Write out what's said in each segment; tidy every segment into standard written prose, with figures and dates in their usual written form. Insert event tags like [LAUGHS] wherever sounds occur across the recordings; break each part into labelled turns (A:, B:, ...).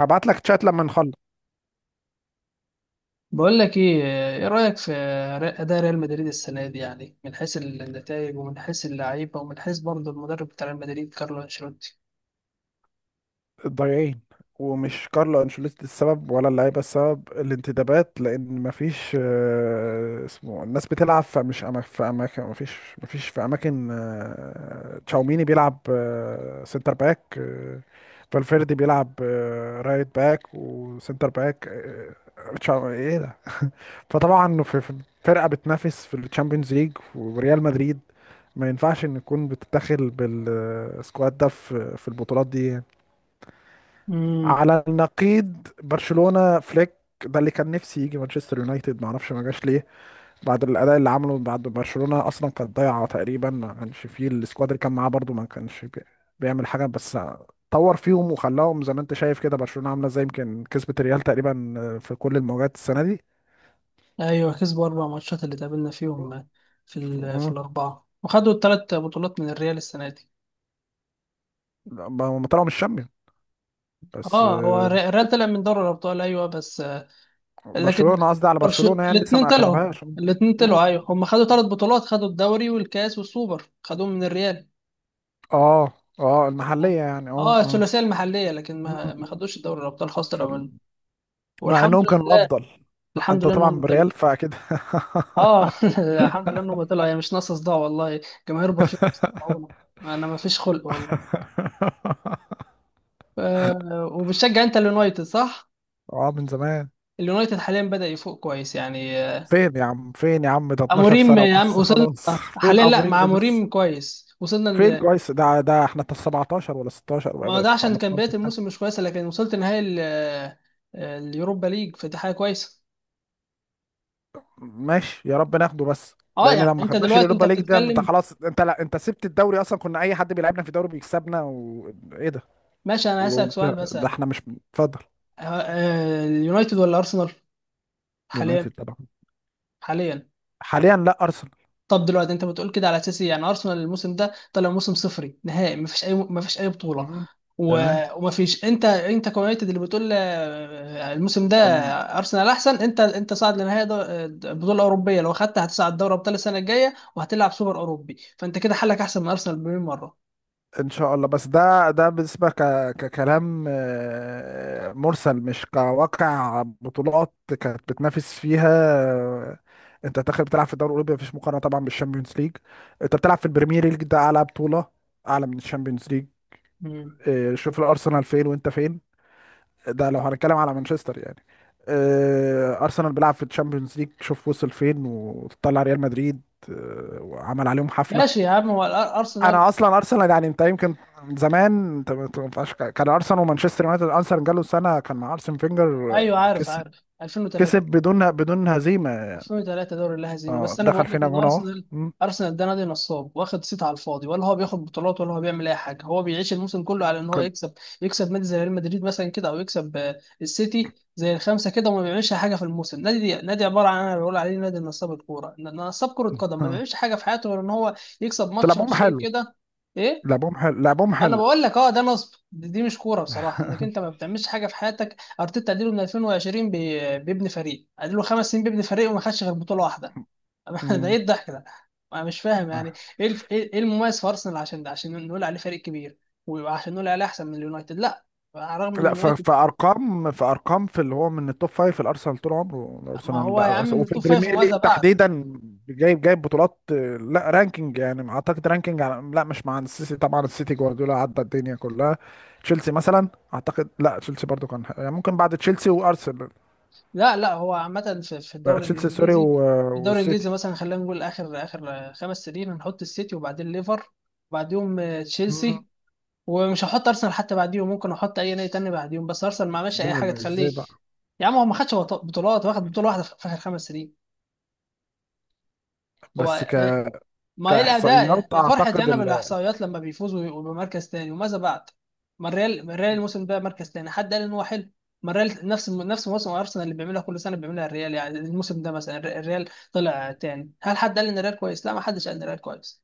A: هبعت لك تشات لما نخلص
B: بقول لك ايه، ايه رأيك في اداء ريال مدريد السنة دي، يعني من حيث النتائج ومن حيث اللعيبة ومن حيث برضه المدرب بتاع ريال مدريد كارلو انشيلوتي.
A: الضايعين. ومش كارلو انشيلوتي السبب ولا اللعيبه السبب، الانتدابات، لان مفيش اسمه الناس بتلعب. في اماكن مفيش، في اماكن تشاوميني بيلعب سنتر باك فالفيردي بيلعب رايت باك وسنتر باك. آه، تشاو- ايه ده فطبعا في فرقه بتنافس في الشامبيونز ليج وريال مدريد، ما ينفعش ان تكون بتتدخل بالسكواد ده في البطولات دي.
B: امم
A: على النقيض برشلونه فليك، ده اللي كان نفسي يجي مانشستر يونايتد، ما اعرفش ما جاش ليه. بعد الاداء اللي عمله، بعد برشلونه اصلا كانت ضايعه تقريبا، ما كانش فيه السكواد اللي كان معاه برضو، ما كانش بيعمل حاجه، بس طور فيهم وخلاهم زي ما انت شايف كده. برشلونه عامله زي يمكن كسبت الريال تقريبا في كل المواجهات السنه دي.
B: ايوه، كسبوا 4 ماتشات اللي تقابلنا فيهم في الاربعة، وخدوا الثلاث بطولات من الريال السنة دي.
A: لا، ما هم طلعوا من الشامبيون بس
B: اه، الريال طلع من دوري الابطال، ايوه، بس. لكن
A: برشلونة، قصدي على
B: برشلونة
A: برشلونة يعني لسه
B: الاثنين
A: ما
B: طلعوا
A: اخدوهاش.
B: الاثنين
A: مم.
B: طلعوا ايوه، هم خدوا 3 بطولات، خدوا الدوري والكاس والسوبر، خدوهم من الريال.
A: اه، اه المحلية
B: اه،
A: يعني اه اه.
B: الثلاثيه المحليه، لكن
A: مم،
B: ما
A: مم.
B: خدوش دوري الابطال خاصه
A: في ال...
B: لو.
A: مع
B: والحمد
A: انهم كانوا
B: لله.
A: افضل. [LAUGHS]
B: الحمد
A: انت
B: لله
A: طبعا
B: انهم طلعوا.
A: بالريال فاكيد. [LAUGHS]
B: اه. [LAUGHS] الحمد لله انهم طلعوا، هي مش ناقصه صداع والله. جماهير برشلونه بتسمعونا. انا ما فيش خلق والله. ف... وبتشجع انت اليونايتد صح؟
A: اه، من زمان.
B: اليونايتد حاليا بدأ يفوق كويس، يعني.
A: فين يا عم، فين يا عم، ده 12
B: اموريم
A: سنة
B: يا عم
A: ونص
B: وصلنا.
A: خلاص. [LAUGHS] فين
B: حاليا،
A: ابو
B: لا،
A: ريم
B: مع
A: ايه بس؟
B: اموريم كويس، وصلنا.
A: فين كويس ده؟ ده احنا 17 ولا 16
B: ما هو
A: ولا
B: ده عشان كان بدايه
A: 15 حاجة.
B: الموسم مش كويسه، لكن وصلت نهائي اليوروبا ليج، فدي حاجه كويسه.
A: ماشي يا رب ناخده، بس
B: اه،
A: لان
B: يعني
A: لو ما
B: انت
A: خدناش
B: دلوقتي
A: اليوروبا ليج ده، انت
B: بتتكلم.
A: خلاص، انت لا، انت سبت الدوري اصلا، كنا اي حد بيلعبنا في الدوري بيكسبنا، وايه ده.
B: ماشي، انا
A: و...
B: هسألك سؤال
A: ده
B: مثلا.
A: احنا مش اتفضل.
B: اليونايتد ولا ارسنال؟
A: يونايتد
B: حاليا.
A: طبعا.
B: حاليا.
A: حاليا لا، ارسنال.
B: طب دلوقتي انت بتقول كده على اساس إيه؟ يعني ارسنال الموسم ده طلع موسم صفري نهائي، مفيش اي بطولة.
A: مم. تمام.
B: ومفيش. انت كيونايتد اللي بتقول الموسم ده
A: أم،
B: ارسنال احسن. انت صاعد لنهائي بطولة اوروبية، لو خدت هتصعد دوري ابطال السنة الجاية وهتلعب سوبر اوروبي، فانت كده حلك احسن من ارسنال بمليون مرة.
A: ان شاء الله، بس ده ده بالنسبه ك... ككلام مرسل، مش كواقع بطولات كانت بتنافس فيها. آه، انت داخل بتلعب في الدوري الاوروبي، مفيش مقارنه طبعا بالشامبيونز ليج. انت بتلعب في البريمير ليج، ده اعلى بطوله، اعلى من الشامبيونز ليج.
B: مم.
A: إيه، شوف الارسنال فين وانت فين، ده لو هنتكلم على مانشستر يعني. إيه، ارسنال بيلعب في الشامبيونز ليج، شوف وصل فين، وطلع ريال مدريد. إيه، وعمل عليهم حفله.
B: ماشي يا عم، ارسنال،
A: انا اصلا ارسنال يعني، انت يمكن زمان، انت ما تنفعش، كان ارسنال ومانشستر يونايتد. ارسنال جاله سنه كان مع ارسن فينجر،
B: ايوه، عارف
A: كسب،
B: عارف 2003،
A: كسب بدون هزيمه.
B: وصلوا 3 دوري لا هزيمة،
A: اه
B: بس أنا
A: دخل
B: بقول لك
A: فينا
B: إن
A: جون اهو.
B: أرسنال
A: مم،
B: أرسنال ده نادي نصاب، واخد صيت على الفاضي، ولا هو بياخد بطولات ولا هو بيعمل أي حاجة، هو بيعيش الموسم كله على إن هو
A: كان
B: يكسب، نادي زي ريال مدريد مثلا كده، أو يكسب السيتي زي الخمسة كده، وما بيعملش حاجة في الموسم. نادي عبارة عن، أنا بقول عليه نادي نصاب الكورة، نصاب كرة قدم، ما
A: اه.
B: بيعملش حاجة في حياته غير إن هو يكسب
A: بس
B: ماتش
A: لعبهم
B: ماتشين
A: حلو،
B: كده. إيه،
A: لعبهم حلو لعبهم
B: انا
A: حلو
B: بقول لك اه ده نصب، دي مش كوره بصراحه، انك انت ما بتعملش حاجه في حياتك. ارتيتا اديله من 2020، بيبني فريق، اديله 5 سنين بيبني فريق وما خدش غير بطوله واحده. [LAUGHS] ده ايه
A: مم.
B: الضحك ده؟ انا مش فاهم يعني. ايه المميز في ارسنال، عشان ده عشان نقول عليه فريق كبير، وعشان نقول عليه احسن من اليونايتد؟ لا، على الرغم ان
A: لا،
B: اليونايتد،
A: فارقام، فارقام في اللي هو من التوب فايف. الارسنال طول عمره
B: ما
A: الارسنال،
B: هو
A: لا
B: يا عم
A: الارسنال
B: من
A: وفي
B: التوب فايف
A: البريمير ليج
B: وماذا بعد.
A: تحديدا، جايب، جايب بطولات. لا رانكينج يعني، اعتقد رانكينج لا مش مع السيسي طبعا، السيتي جوارديولا عدى الدنيا كلها. تشيلسي مثلا اعتقد، لا تشيلسي برضو كان يعني، ممكن بعد تشيلسي وارسنال
B: لا لا، هو عامه في
A: بقى،
B: الدوري
A: تشيلسي سوري
B: الانجليزي. في الدوري
A: والسيتي.
B: الانجليزي مثلا، خلينا نقول اخر 5 سنين، هنحط السيتي وبعدين ليفر، وبعديهم
A: مم.
B: تشيلسي، ومش هحط ارسنال حتى بعديهم، ممكن احط اي نادي تاني بعديهم، بس ارسنال ما عملش
A: لا
B: اي حاجه
A: لا، ازاي
B: تخليه.
A: بقى؟
B: يا عم هو ما خدش بطولات، واخد بطوله واحده في اخر 5 سنين.
A: بس
B: هو
A: ك...
B: إيه- ما ايه الاداء
A: كاحصائيات
B: يا فرحتي،
A: اعتقد.
B: انا بالاحصائيات لما بيفوز ويبقوا بمركز تاني، وماذا بعد؟ ما الريال، الموسم ده مركز تاني، حد قال ان هو حلو؟ ما الريال نفس موسم ارسنال، اللي بيعملها كل سنه بيعملها الريال، يعني الموسم ده مثلا الريال طلع تاني، هل حد قال ان الريال كويس؟ لا، ما حدش قال ان الريال كويس.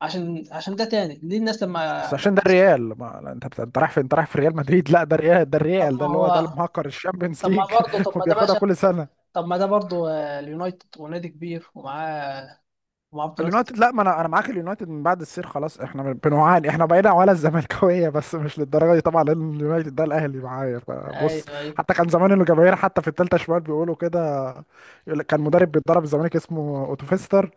B: عشان ده تاني، ليه الناس
A: بس
B: لما
A: عشان ده
B: لما
A: الريال ما، لا، انت رايح في، انت رايح في ريال مدريد. لا ده الريال، ده
B: طب
A: الريال ده
B: ما
A: اللي هو ده
B: هو،
A: المهكر الشامبيونز
B: طب ما
A: ليج،
B: برضه،
A: [LAUGHS]
B: طب ما ده
A: وبياخدها
B: ماشي،
A: كل سنه.
B: طب ما ده برضو اليونايتد ونادي كبير ومعاه بطولات كتير.
A: اليونايتد لا، ما انا معاك، اليونايتد من بعد السير خلاص احنا بنعاني، احنا بقينا ولا الزملكاويه، بس مش للدرجه دي طبعا، لان اليونايتد ده الاهلي معايا، فبص.
B: ايوه، ايوه.
A: حتى كان زمان الجماهير حتى في الثالثه شمال بيقولوا كده، يقول لك كان مدرب بيتدرب الزمالك اسمه اوتوفيستر،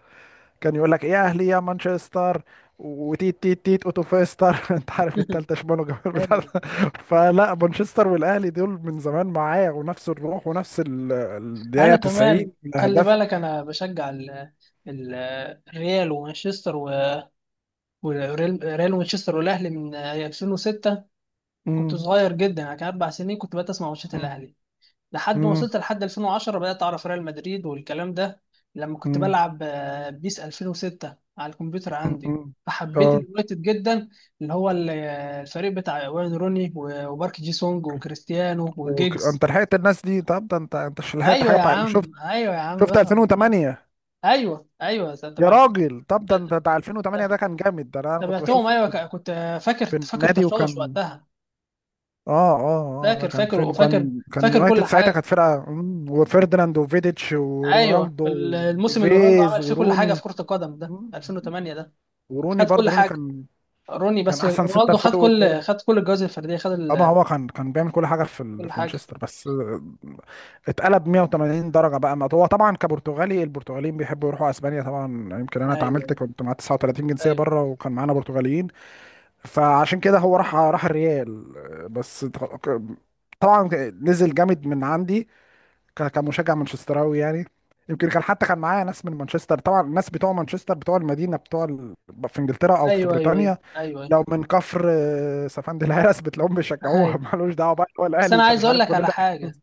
A: كان يقول لك يا اهلي يا مانشستر، وتيت تيت تيت اوتو فيستر. [LAUGHS] انت عارف التالتة
B: [LAUGHS]
A: شمال وجمال بتاع
B: حلو.
A: ده. [LAUGHS] فلا، مانشستر والاهلي دول من زمان معايا، ونفس الروح، ونفس الدقيقة
B: انا
A: 90
B: كمان خلي
A: الاهداف.
B: بالك، انا بشجع ال- الريال ومانشستر، والريال ومانشستر والاهلي من 2006، كنت
A: امم
B: صغير جدا يعني، كان 4 سنين، كنت بقيت اسمع ماتشات الاهلي لحد ما
A: امم
B: وصلت لحد 2010، بدأت أعرف ريال مدريد والكلام ده، لما كنت
A: امم
B: بلعب بيس 2006 على الكمبيوتر عندي.
A: امم
B: فحبيت
A: اه.
B: اليونايتد جدا، اللي هو الفريق بتاع وين روني، وبارك جي سونج وكريستيانو
A: انت
B: وجيجز.
A: لحقت الناس دي؟ طب ده انت، انت مش لحقت
B: ايوه
A: حاجه
B: يا
A: بقى. شفت،
B: عم، ايوه يا عم،
A: شفت
B: بسمع من زمان.
A: 2008؟
B: ايوه، ايوه،
A: يا
B: تابعت.
A: راجل، طب ده انت بتاع 2008 ده، كان جامد ده، انا كنت
B: تابعتهم
A: بشوفه
B: ايوه،
A: في
B: كنت فاكر،
A: في
B: فاكر
A: النادي،
B: تشوش
A: وكان
B: وقتها.
A: اه اه اه، ده
B: فاكر،
A: كان
B: فاكر،
A: فين؟
B: وفاكر،
A: وكان كان
B: فاكر
A: يونايتد
B: كل
A: ساعتها
B: حاجه.
A: كانت فرقة، وفيرديناند وفيديتش
B: ايوه
A: ورونالدو
B: الموسم اللي رونالدو
A: وديفيز
B: عمل فيه كل حاجه
A: وروني.
B: في كره القدم ده،
A: مم، مم.
B: 2008 ده،
A: وروني
B: خد كل
A: برضه، روني
B: حاجه.
A: كان
B: روني،
A: كان
B: بس
A: احسن سنتر
B: رونالدو خد
A: فيرود
B: كل،
A: برضه،
B: الجوائز الفرديه،
A: اما هو كان كان بيعمل كل حاجة
B: كل
A: في
B: حاجه.
A: مانشستر، بس اتقلب 180 درجة بقى. ما هو طبعا كبرتغالي، البرتغاليين بيحبوا يروحوا اسبانيا طبعا. يمكن انا
B: ايوه،
A: اتعاملت، كنت مع 39 جنسية
B: ايوه،
A: بره، وكان معانا برتغاليين، فعشان كده هو راح، راح الريال. بس طبعا نزل جامد من عندي، كمشجع مانشستراوي يعني. يمكن كان، حتى كان معايا ناس من مانشستر طبعا، الناس بتوع مانشستر بتوع المدينه في انجلترا او في
B: ايوه، ايوه، ايوه،
A: بريطانيا،
B: ايوه،
A: لو من كفر سفند الهرس بتلاقيهم بيشجعوها. [LAUGHS]
B: ايوه.
A: مالوش دعوه بقى، هو
B: بس
A: الاهلي انت مش عارف، كلنا.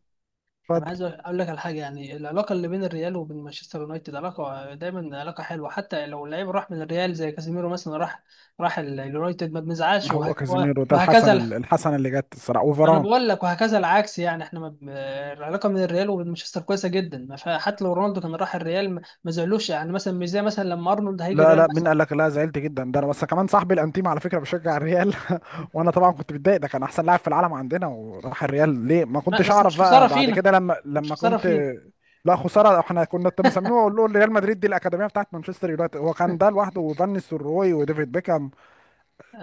B: انا
A: اتفضل.
B: عايز اقول لك على حاجه. يعني العلاقه اللي بين الريال وبين مانشستر يونايتد علاقه دايما، علاقه حلوه، حتى لو اللعيب راح من الريال زي كازيميرو مثلا، راح اليونايتد ما بنزعلش،
A: هو كازيميرو ده
B: وهكذا.
A: الحسنه، الحسنه اللي جت الصراحه،
B: انا
A: وفاران.
B: بقول لك وهكذا العكس يعني، احنا العلاقه من الريال ومانشستر كويسه جدا، ما فيها- حتى لو رونالدو كان راح الريال ما زعلوش، يعني مثلا مش زي مثلا لما ارنولد هيجي
A: لا لا،
B: الريال
A: مين
B: مثلا.
A: قال لك؟ لا زعلت جدا، ده انا بس كمان صاحبي الانتيم على فكره بيشجع الريال، وانا طبعا كنت متضايق، ده كان احسن لاعب في العالم عندنا وراح الريال ليه، ما
B: لا،
A: كنتش
B: بس
A: اعرف
B: مش
A: بقى
B: خساره
A: بعد
B: فينا،
A: كده، لما
B: مش
A: لما
B: خساره
A: كنت.
B: فينا.
A: لا خساره، احنا كنا مسميه، اقول له ريال مدريد دي الاكاديميه بتاعت مانشستر يونايتد، هو كان ده لوحده، وفان نيستلروي، وديفيد بيكهام.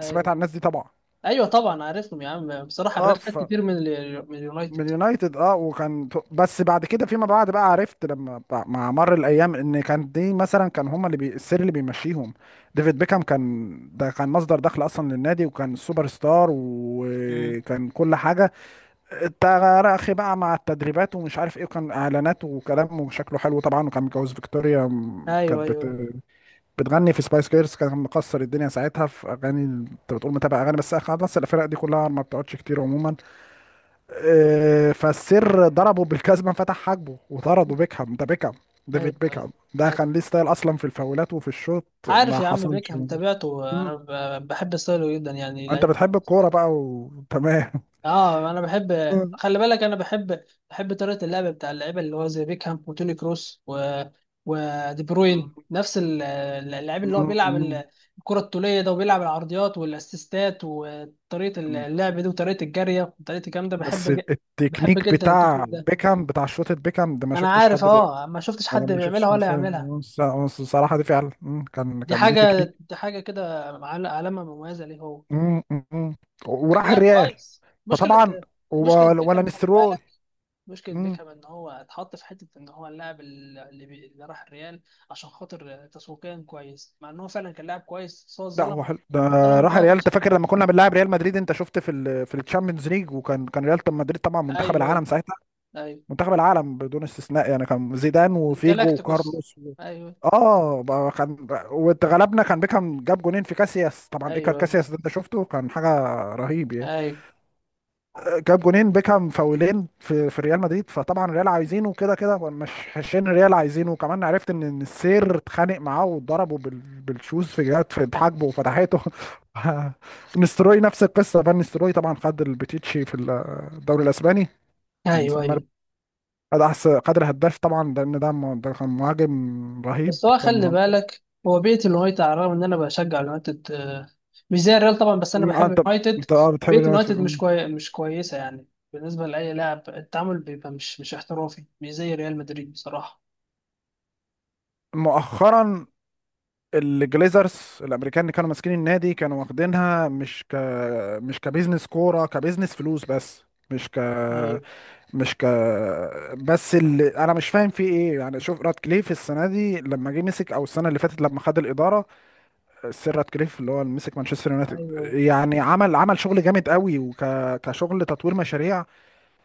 A: سمعت عن الناس دي طبعا.
B: ايوه طبعا عارفهم يا عم، بصراحه
A: اه
B: الريال خد
A: ف
B: كتير من من
A: من
B: اليونايتد.
A: يونايتد اه. وكان بس بعد كده فيما بعد بقى عرفت، لما مع مر الايام، ان كان دي مثلا كان هما اللي السر اللي بيمشيهم. ديفيد بيكهام كان، ده كان مصدر دخل اصلا للنادي، وكان سوبر ستار،
B: مم.
A: وكان كل حاجه، انت يا اخي بقى مع التدريبات ومش عارف ايه، وكان اعلانات وكلام، وشكله حلو طبعا، وكان متجوز فيكتوريا،
B: ايوه،
A: كانت
B: ايوه،
A: بتغني في سبايس جيرلز، كان مكسر الدنيا ساعتها في اغاني. انت بتقول متابع اغاني، بس خلاص الفرق دي كلها ما بتقعدش كتير عموما. اه، فالسر ضربه بالكازما فتح حاجبه وطرده، بيكهام ده، بيكهام، ديفيد
B: ايوه، ايوه.
A: بيكهام ده
B: أيوة.
A: كان ليه ستايل اصلا في الفاولات وفي الشوط،
B: عارف
A: ما
B: يا عم
A: حصلش.
B: بيكهام، تابعته انا،
A: مم.
B: بحب ستايله جدا يعني.
A: انت بتحب الكوره بقى وتمام.
B: اه انا بحب، خلي بالك انا بحب طريقه اللعب بتاع اللعيبه، اللي هو زي بيكهام وتوني كروس و ودي بروين، نفس اللعيب اللي هو
A: مم.
B: بيلعب
A: مم.
B: الكره الطوليه ده، وبيلعب العرضيات والاسيستات وطريقه اللعب دي وطريقه الجاريه وطريقه الكلام ده،
A: بس
B: بحب
A: التكنيك
B: جدا
A: بتاع
B: التكنيك ده.
A: بيكهام بتاع شوطة بيكهام ده، ما
B: ما انا
A: شفتش
B: عارف،
A: حد بيعمله.
B: اه، ما شفتش
A: ده
B: حد
A: ما شفتش
B: بيعملها
A: حد
B: ولا
A: فعلا
B: يعملها،
A: بيعمله. الصراحة دي فعلا، كان
B: دي
A: كان ليه تكنيك.
B: حاجه دي حاجه كده، علامه مميزه ليه هو،
A: مم، مم، مم.
B: كان
A: وراح
B: لاعب
A: الريال.
B: كويس. مشكله،
A: فطبعا
B: مشكله
A: ولا
B: بيكهام خلي
A: نستروي.
B: بالك، مشكلة
A: مم.
B: بيكهام إن هو اتحط في حتة إن هو اللاعب اللي، اللي راح الريال عشان خاطر تسويقيا كويس، مع إن هو فعلا كان لاعب كويس، بس هو
A: لا
B: اتظلم
A: هو حلو ده،
B: اتظلم إن
A: راح
B: هو
A: الريال.
B: كان
A: انت
B: شكله
A: فاكر
B: حلو.
A: لما كنا بنلاعب ريال مدريد؟ انت شفت في ال في الشامبيونز ليج، وكان كان ريال مدريد طبعا منتخب
B: أيوه، أيوه،
A: العالم ساعتها،
B: أيوه.
A: منتخب العالم بدون استثناء يعني، كان زيدان وفيجو
B: الجالاكتيكوس.
A: وكارلوس
B: أيوه،
A: اه بقى كان، واتغلبنا، كان بيكهام جاب جونين في كاسياس، طبعا ايكر
B: أيوه، أيوه،
A: كاسياس ده انت شفته، كان حاجه رهيب يعني.
B: أيوه،
A: جاب جونين بيكهام فاولين في في ريال مدريد، فطبعا الريال عايزينه كده كده، مش حشين، الريال عايزينه. وكمان عرفت ان، إن السير اتخانق معاه واتضربه بالشوز في جهات في حاجبه وفتحته. [LAUGHS] نستروي نفس القصه، فان نستروي طبعا خد البتيتشي في الدوري الاسباني من
B: أيوه،
A: سما،
B: أيوه.
A: هذا احسن قدر هداف طبعا، لان ده ده كان مهاجم رهيب،
B: بس هو
A: كان
B: خلي
A: مهاجم.
B: بالك، هو بيئة اليونايتد، على الرغم إن أنا بشجع اليونايتد مش زي الريال طبعا، بس أنا
A: اه
B: بحب
A: انت،
B: اليونايتد.
A: بتحب
B: بيئة
A: اليونايتد.
B: اليونايتد
A: أمم.
B: مش كويسة يعني، بالنسبة لأي لاعب التعامل بيبقى مش احترافي، مش زي ريال مدريد بصراحة.
A: مؤخرا الجليزرز الامريكان اللي كانوا ماسكين النادي كانوا واخدينها مش ك مش كبزنس كوره، كبزنس فلوس بس، مش ك
B: أيوه،
A: مش ك بس اللي انا مش فاهم فيه ايه يعني، شوف راتكليف السنه دي لما جه مسك، او السنه اللي فاتت لما خد الاداره، السير راتكليف اللي هو اللي مسك مانشستر يونايتد،
B: ايوه. أيوة.
A: يعني عمل، عمل شغل جامد قوي، كشغل تطوير مشاريع،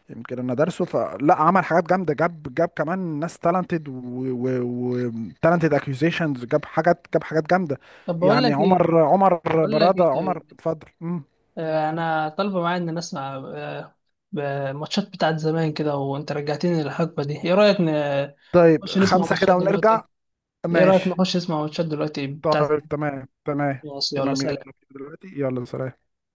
A: يمكن انا دارسه، فلا عمل حاجات جامده، جاب، جاب كمان ناس تالنتد وتالنتد اكيوزيشنز، جاب حاجات، جاب حاجات جامده.
B: طب بقول
A: يعني
B: لك ايه،
A: عمر، عمر براده، عمر
B: طيب،
A: اتفضل. مم.
B: آه انا طالبه معايا ان نسمع، ماتشات بتاعت زمان كده، وانت رجعتني للحقبه دي. ايه رايك
A: طيب
B: نخش نسمع
A: خمسه كده
B: ماتشات
A: ونرجع.
B: دلوقتي؟ ايه رايك
A: ماشي.
B: نخش نسمع ماتشات دلوقتي بتاع
A: طيب
B: زمان؟
A: تمام، تمام.
B: ماشي، يلا
A: تمام يلا
B: سلام.
A: دلوقتي، يلا سلام.